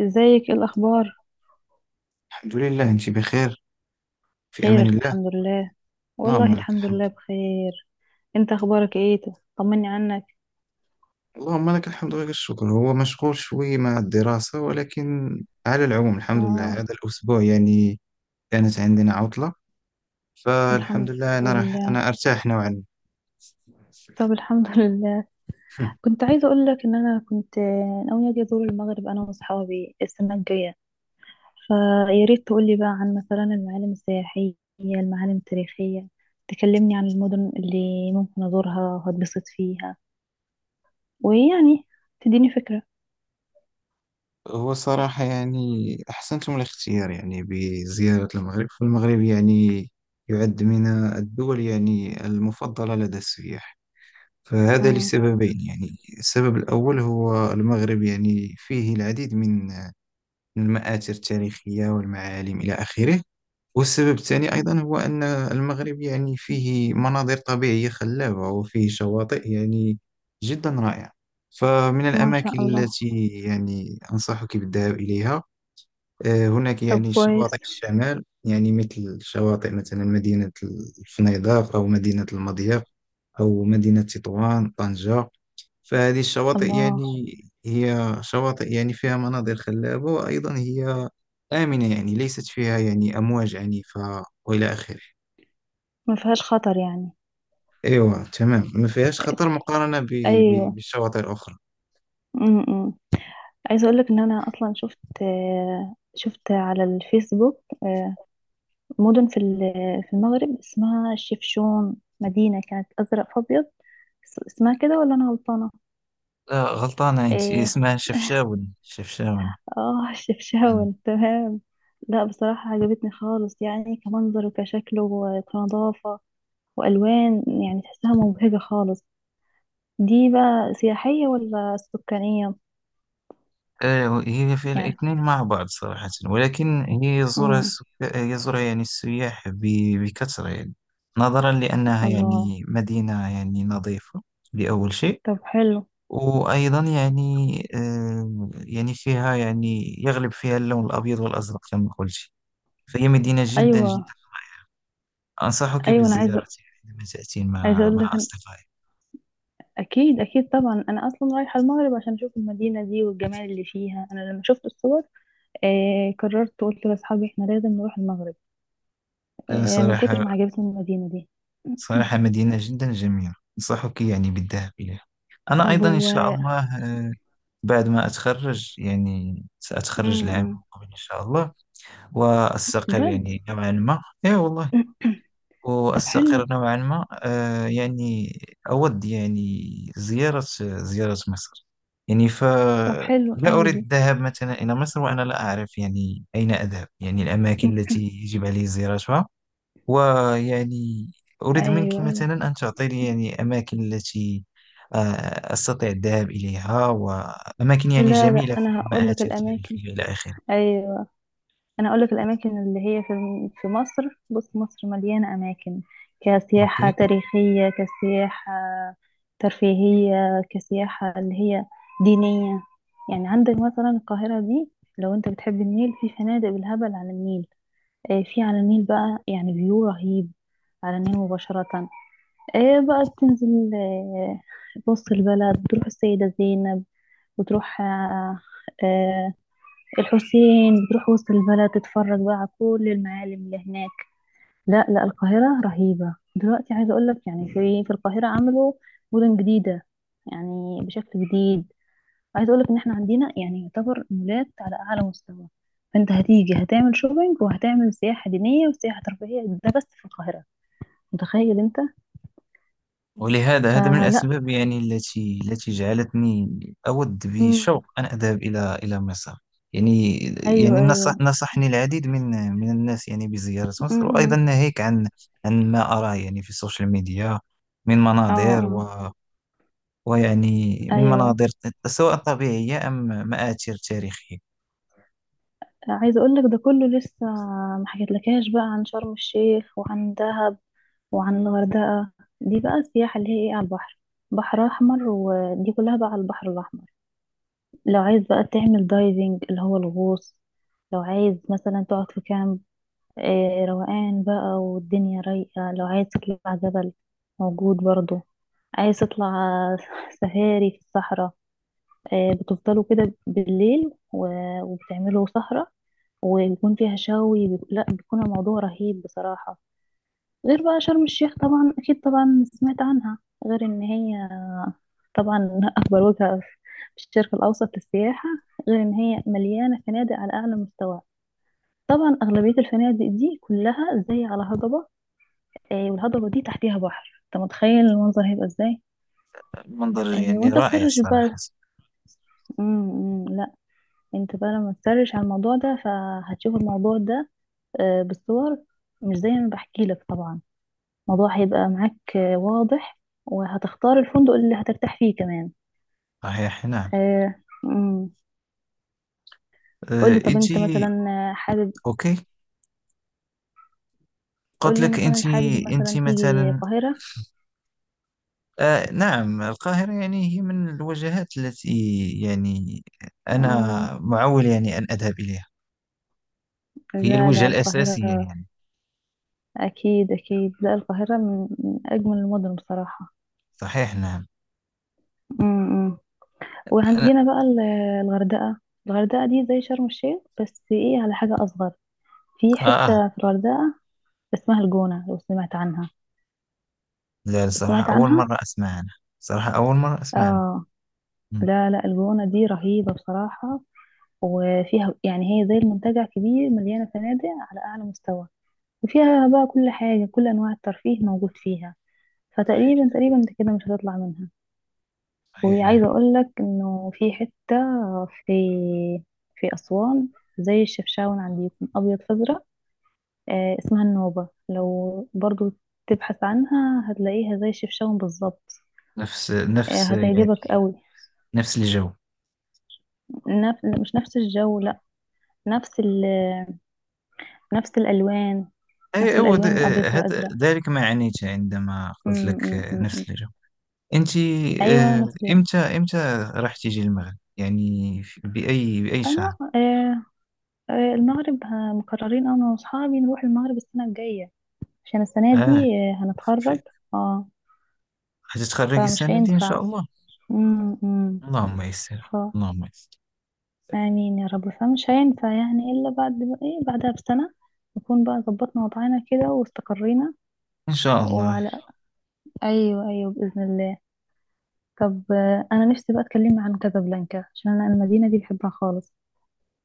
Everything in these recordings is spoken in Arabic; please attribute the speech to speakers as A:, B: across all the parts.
A: ازيك؟ ايه الاخبار؟
B: الحمد لله، انت بخير. في
A: خير،
B: امان الله.
A: الحمد لله.
B: اللهم
A: والله،
B: لك
A: الحمد
B: الحمد.
A: لله بخير. انت اخبارك ايه؟ طمني عنك.
B: اللهم لك الحمد ولك الشكر. هو مشغول شوي مع الدراسة، ولكن على العموم الحمد لله.
A: اه،
B: هذا الاسبوع يعني كانت عندنا عطلة، فالحمد
A: الحمد
B: لله انا راح
A: لله.
B: انا ارتاح نوعا
A: طب الحمد لله.
B: ما.
A: كنت عايزه اقول لك ان انا كنت ناويه اجي ازور المغرب انا واصحابي السنه الجايه. فيا ريت تقولي بقى عن مثلا المعالم السياحيه، المعالم التاريخيه. تكلمني عن المدن اللي ممكن ازورها وهتبسط فيها ويعني تديني فكره.
B: هو صراحة يعني احسنتم الاختيار يعني بزيارة المغرب. فالمغرب يعني يعد من الدول يعني المفضلة لدى السياح. فهذا
A: امم.
B: لسببين، يعني السبب الأول هو المغرب يعني فيه العديد من المآثر التاريخية والمعالم إلى آخره، والسبب الثاني أيضا هو أن المغرب يعني فيه مناظر طبيعية خلابة، وفيه شواطئ يعني جدا رائعة. فمن
A: ما شاء
B: الأماكن
A: الله.
B: التي يعني أنصحك بالذهاب إليها، هناك
A: طب
B: يعني شواطئ
A: كويس.
B: الشمال، يعني مثل شواطئ مثلا مدينة الفنيدق، أو مدينة المضيق، أو مدينة تطوان، طنجة. فهذه الشواطئ
A: الله.
B: يعني هي شواطئ يعني فيها مناظر خلابة، وأيضا هي آمنة، يعني ليست فيها يعني أمواج عنيفة وإلى آخره.
A: ما فيهاش خطر يعني؟
B: أيوة، تمام، ما فيهاش خطر مقارنة
A: ايوه.
B: بالشواطئ الأخرى.
A: امم. عايزه اقول لك ان انا اصلا شفت، شفت على الفيسبوك. مدن في في المغرب اسمها الشفشون، مدينه كانت ازرق في ابيض. اسمها كده ولا انا غلطانه؟
B: لا، غلطانة أنت. هي
A: ايه.
B: اسمها شفشاون، شفشاون.
A: اه
B: مم.
A: الشفشاون، تمام. لا، بصراحه عجبتني خالص، يعني كمنظر وكشكل وكنظافه والوان. يعني تحسها مبهجه خالص. دي بقى سياحيه ولا سكانيه؟
B: هي في
A: يعني.
B: الاثنين مع بعض صراحة، ولكن هي
A: امم.
B: يزورها يعني السياح بكثرة، يعني نظرا لأنها
A: الله.
B: يعني مدينة يعني نظيفة لأول شيء،
A: طب حلو.
B: وأيضا يعني يعني فيها يعني يغلب فيها اللون الأبيض والأزرق كما قلت. فهي مدينة جدا
A: ايوه،
B: جدا أنصحك
A: ايوه، انا
B: بالزيارة
A: عايزه.
B: يعني عندما تأتين
A: عايزه
B: مع
A: اقول
B: مع
A: لك أن...
B: أصدقائك.
A: اكيد اكيد، طبعا انا اصلا رايحه المغرب عشان اشوف المدينه دي والجمال اللي فيها. انا لما شفت الصور قررت، قلت لاصحابي احنا لازم نروح المغرب
B: لا،
A: من كتر
B: صراحة
A: ما عجبتني المدينه دي.
B: صراحة مدينة جدا جميلة، أنصحك يعني بالذهاب إليها. أنا
A: طب
B: أيضا إن
A: و
B: شاء الله، آه، بعد ما أتخرج، يعني
A: م-
B: سأتخرج العام
A: م.
B: المقبل إن شاء الله، وأستقر
A: بجد.
B: يعني نوعا ما. إيه والله.
A: طب
B: وأستقر
A: حلو.
B: نوعا ما، يعني أود يعني زيارة مصر. يعني
A: طب
B: فلا،
A: حلو قوي
B: أريد
A: دي.
B: الذهاب مثلا إلى مصر وأنا لا أعرف يعني أين أذهب، يعني الأماكن التي يجب علي زيارتها، ويعني أريد منك
A: ايوه ايوه.
B: مثلا أن تعطيني يعني أماكن التي أستطيع الذهاب إليها، وأماكن يعني
A: لا لا،
B: جميلة في
A: انا هقول لك
B: المآثر
A: الاماكن.
B: التاريخية إلى آخره.
A: ايوه، انا اقول لك الاماكن اللي هي في مصر. بص، مصر مليانه اماكن، كسياحه
B: أوكي.
A: تاريخيه، كسياحه ترفيهيه، كسياحه اللي هي دينيه. يعني عندك مثلا القاهره دي، لو انت بتحب النيل، في فنادق بالهبل على النيل. في على النيل بقى يعني فيو رهيب، على النيل مباشره. بقى بتنزل وسط البلد، تروح السيده زينب وتروح الحسين، بتروح وسط البلد تتفرج بقى على كل المعالم اللي هناك. لا لا، القاهرة رهيبة دلوقتي. عايزة أقول لك يعني في القاهرة عملوا مدن جديدة يعني بشكل جديد. عايزة أقول لك إن إحنا عندنا يعني يعتبر مولات على أعلى مستوى. فأنت هتيجي هتعمل شوبينج وهتعمل سياحة دينية وسياحة ترفيهية، ده بس في القاهرة. متخيل أنت؟
B: ولهذا هذا من
A: فلا.
B: الأسباب يعني التي جعلتني أود
A: مم.
B: بشوق أن أذهب إلى مصر. يعني يعني
A: أيوه
B: نصح
A: أيوه.
B: نصحني العديد من من الناس يعني بزيارة مصر،
A: مم.
B: وأيضا
A: مم.
B: ناهيك عن ما أراه يعني في السوشيال ميديا من
A: اه.
B: مناظر
A: آه.
B: ويعني من
A: أيوه.
B: مناظر سواء طبيعية أم مآثر تاريخية.
A: عايزه اقول لك ده كله لسه ما حكيتلكاش بقى عن شرم الشيخ وعن دهب وعن الغردقه. دي بقى السياحه اللي هي ايه، على البحر، بحر احمر، ودي كلها بقى على البحر الاحمر. لو عايز بقى تعمل دايفنج اللي هو الغوص، لو عايز مثلا تقعد في كامب، روقان بقى والدنيا رايقه، لو عايز تطلع جبل موجود برضو. عايز تطلع سفاري في الصحراء، بتفضلوا كده بالليل وبتعملوا سهرة، ويكون فيها لا، بيكون الموضوع رهيب بصراحة. غير بقى شرم الشيخ، طبعا أكيد، طبعا سمعت عنها، غير إن هي طبعا أكبر وجهة في الشرق الأوسط للسياحة. غير إن هي مليانة فنادق على أعلى مستوى. طبعا أغلبية الفنادق دي كلها زي على هضبة، والهضبة دي تحتيها بحر. أنت متخيل المنظر هيبقى إزاي؟
B: المنظر يعني
A: وأنت سهر
B: رائع صراحة.
A: بقى. إمم، إمم. انت بقى لما تسرش على الموضوع ده فهتشوف الموضوع ده بالصور، مش زي ما بحكي لك طبعا. الموضوع هيبقى معاك واضح، وهتختار الفندق اللي هترتاح فيه كمان.
B: صحيح، نعم.
A: آه، مم. قولي، طب
B: أنت.
A: انت مثلا حابب،
B: أوكي. قلت
A: قولي
B: لك
A: مثلا
B: أنت
A: حابب
B: أنت
A: مثلا تيجي
B: مثلا.
A: القاهرة؟
B: آه نعم، القاهرة يعني هي من الوجهات التي يعني أنا
A: آه،
B: معول يعني أن أذهب إليها. هي
A: لا
B: الوجهة
A: لا،
B: الأساسية
A: القاهرة
B: يعني.
A: أكيد أكيد. لا، القاهرة من أجمل المدن بصراحة.
B: صحيح، نعم.
A: مم.
B: أنا.
A: وعندنا بقى الغردقة. الغردقة دي زي شرم الشيخ بس ايه، على حاجة أصغر. في
B: آه
A: حتة في الغردقة اسمها الجونة، لو سمعت عنها.
B: لا، الصراحة
A: سمعت
B: أول
A: عنها؟
B: مرة أسمع عنها، صراحة أول مرة أسمع عنها.
A: اه.
B: مم،
A: لا لا، الجونة دي رهيبة بصراحة. وفيها يعني هي زي المنتجع كبير، مليانة فنادق على أعلى مستوى. وفيها بقى كل حاجة، كل أنواع الترفيه موجود فيها.
B: صحيح،
A: فتقريبا تقريبا انت كده مش هتطلع منها.
B: صحيح، نعم.
A: وعايزة أقولك إنه في حتة في في أسوان زي الشفشاون عندكم، أبيض فأزرق. اسمها النوبة، لو برضو تبحث عنها هتلاقيها زي الشفشاون بالظبط.
B: نفس نفس
A: هتعجبك
B: يعني
A: قوي.
B: نفس الجو.
A: نف... مش نفس الجو، لا. نفس ال... نفس الألوان،
B: أي،
A: نفس
B: أو د-
A: الألوان الأبيض
B: آه، هذا
A: والأزرق.
B: ذلك ما عنيت عندما
A: م-
B: قلت لك
A: م- م- م.
B: نفس الجو. أنت
A: أيوة
B: آه،
A: نفس
B: إمتى راح تيجي المغرب يعني بأي شهر؟
A: أنا المغرب مقررين أنا وأصحابي نروح المغرب السنة الجاية. عشان السنة دي
B: آه
A: هنتخرج. اه.
B: هتتخرجي
A: فمش
B: السنة دي إن
A: هينفع.
B: شاء الله.
A: م- م.
B: اللهم يسر. اللهم يسر.
A: آمين يا رب. فمش هينفع يعني إلا بعد إيه، بعدها بسنة نكون بقى ظبطنا وضعنا كده واستقرينا.
B: إن شاء الله.
A: وعلى أيوه أيوه، بإذن الله. طب أنا نفسي بقى أتكلم عن كازابلانكا، عشان أنا المدينة دي بحبها خالص.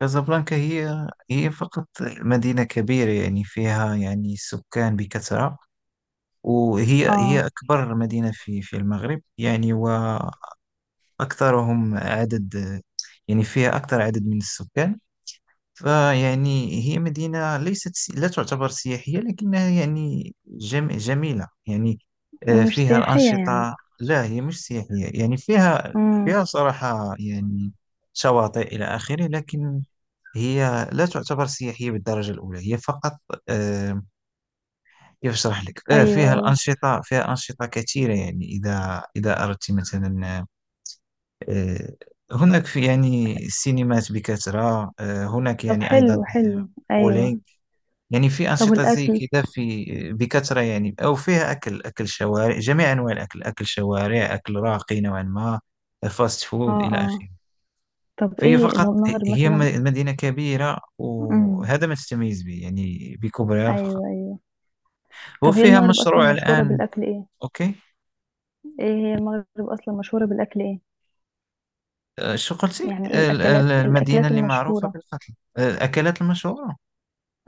B: كازابلانكا هي فقط مدينة كبيرة، يعني فيها يعني سكان بكثرة، وهي هي
A: اه.
B: أكبر مدينة في المغرب يعني، وأكثرهم عدد، يعني فيها أكثر عدد من السكان. فيعني هي مدينة لا تعتبر سياحية، لكنها يعني جميلة يعني،
A: مش
B: فيها
A: سياحية يعني.
B: الأنشطة. لا، هي مش سياحية، يعني فيها
A: امم.
B: فيها صراحة يعني شواطئ إلى آخره، لكن هي لا تعتبر سياحية بالدرجة الأولى، هي فقط آه، كيف أشرح لك،
A: أيوه
B: فيها
A: أيوه.
B: الأنشطة، فيها أنشطة كثيرة يعني. إذا أردت مثلا، آه، هناك في يعني سينمات بكثرة، هناك
A: طب
B: يعني أيضا
A: حلو حلو، أيوه.
B: بولينج، يعني في
A: طب
B: أنشطة زي
A: الأكل.
B: كذا، في بكثرة يعني، أو فيها أكل، أكل شوارع، جميع أنواع الأكل، أكل شوارع، أكل راقي نوعا ما، فاست
A: اه
B: فود إلى
A: اه.
B: آخره.
A: طب
B: فهي
A: إيه
B: فقط
A: المغرب
B: هي
A: مثلا.
B: مدينة كبيرة،
A: امم.
B: وهذا ما تتميز به يعني بكبرها فقط،
A: أيوه أيوه. طب هي
B: وفيها
A: المغرب أصلا
B: مشروع
A: مشهورة
B: الآن.
A: بالأكل إيه؟
B: أوكي.
A: إيه هي المغرب أصلا مشهورة بالأكل إيه؟
B: شو قلتي
A: يعني ايه الاكلات،
B: المدينة
A: الاكلات
B: اللي معروفة
A: المشهورة.
B: بالقتل، الأكلات المشهورة.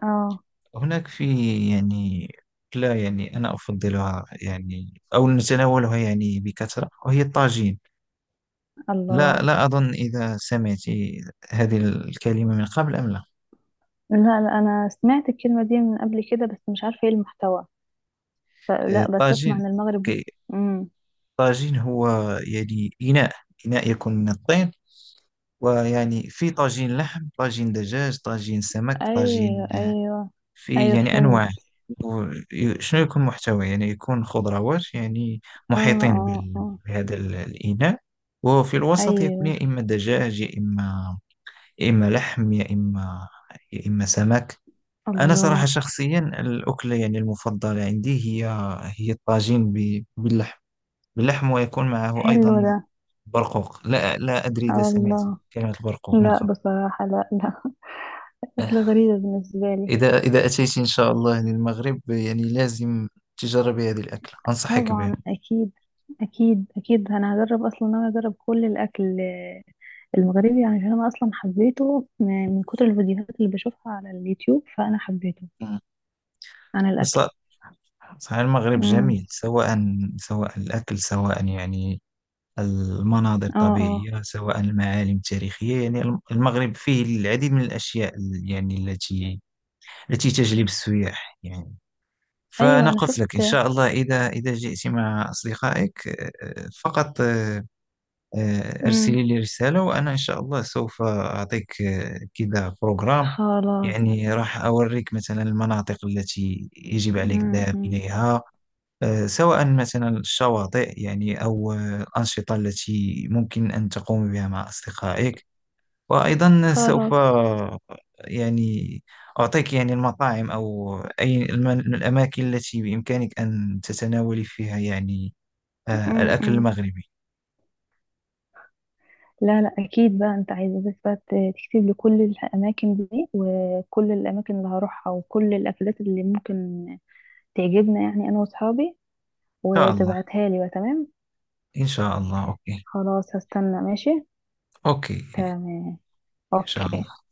A: اه.
B: هناك في يعني، لا يعني أنا أفضلها يعني أو نتناولها يعني بكثرة وهي الطاجين. لا
A: الله.
B: لا أظن إذا سمعت هذه الكلمة من قبل أم لا.
A: لا لا، انا سمعت الكلمة دي من قبل كده، بس مش عارفة ايه المحتوى. فلا بس اسمع
B: طاجين.
A: عن المغرب.
B: أوكي.
A: امم.
B: طاجين هو يعني إناء، إناء يكون من الطين، ويعني في طاجين لحم، طاجين دجاج، طاجين سمك، طاجين،
A: ايوه ايوه.
B: في
A: ايوه
B: يعني
A: فهمت.
B: أنواع. و- شنو يكون محتوى، يعني يكون خضروات يعني
A: اه
B: محيطين
A: اه. اه.
B: بهذا الإناء، وفي الوسط يكون
A: ايوه.
B: يا إما دجاج، يا إما لحم، يا إما سمك. أنا صراحة
A: الله.
B: شخصيا الأكلة يعني المفضلة عندي هي الطاجين باللحم ويكون معه
A: حلو
B: أيضا
A: ده.
B: برقوق. لا لا أدري إذا سمعت
A: الله.
B: كلمة البرقوق من
A: لا،
B: قبل.
A: بصراحة لا لا. أكلة غريبة بالنسبة لي.
B: إذا أتيت إن شاء الله للمغرب، يعني لازم تجربي هذه الأكلة، أنصحك بها.
A: طبعا أكيد. أكيد أكيد، أنا هجرب. أصلا أنا أجرب كل الأكل المغربي، يعني، عشان انا اصلا حبيته من كتر الفيديوهات اللي بشوفها على اليوتيوب، فانا حبيته عن الاكل.
B: بص- صحيح المغرب
A: امم.
B: جميل، سواء الأكل سواء يعني المناظر
A: اه اه.
B: الطبيعية سواء المعالم التاريخية، يعني المغرب فيه العديد من الأشياء يعني التي تجلب السياح يعني. فأنا
A: ايوه انا
B: قلت
A: شفت.
B: لك إن شاء الله إذا جئت مع أصدقائك، فقط أرسلي
A: امم.
B: لي رسالة، وأنا إن شاء الله سوف أعطيك كذا بروغرام.
A: خلاص.
B: يعني راح أوريك مثلا المناطق التي يجب عليك الذهاب
A: امم.
B: إليها، سواء مثلا الشواطئ يعني أو الأنشطة التي ممكن أن تقوم بها مع أصدقائك، وأيضا سوف
A: خلاص.
B: يعني أعطيك يعني المطاعم، أو أي الأماكن التي بإمكانك أن تتناولي فيها يعني الأكل
A: امم.
B: المغربي.
A: لا لا، اكيد بقى، انت عايزه بس بقى تكتب لي كل الاماكن دي، وكل الاماكن اللي هروحها، وكل الاكلات اللي ممكن تعجبنا، يعني انا واصحابي،
B: إن شاء الله.
A: وتبعتها لي بقى، تمام.
B: إن شاء الله أوكي.
A: خلاص، هستنى، ماشي.
B: أوكي.
A: تمام.
B: إن شاء
A: اوكي.
B: الله.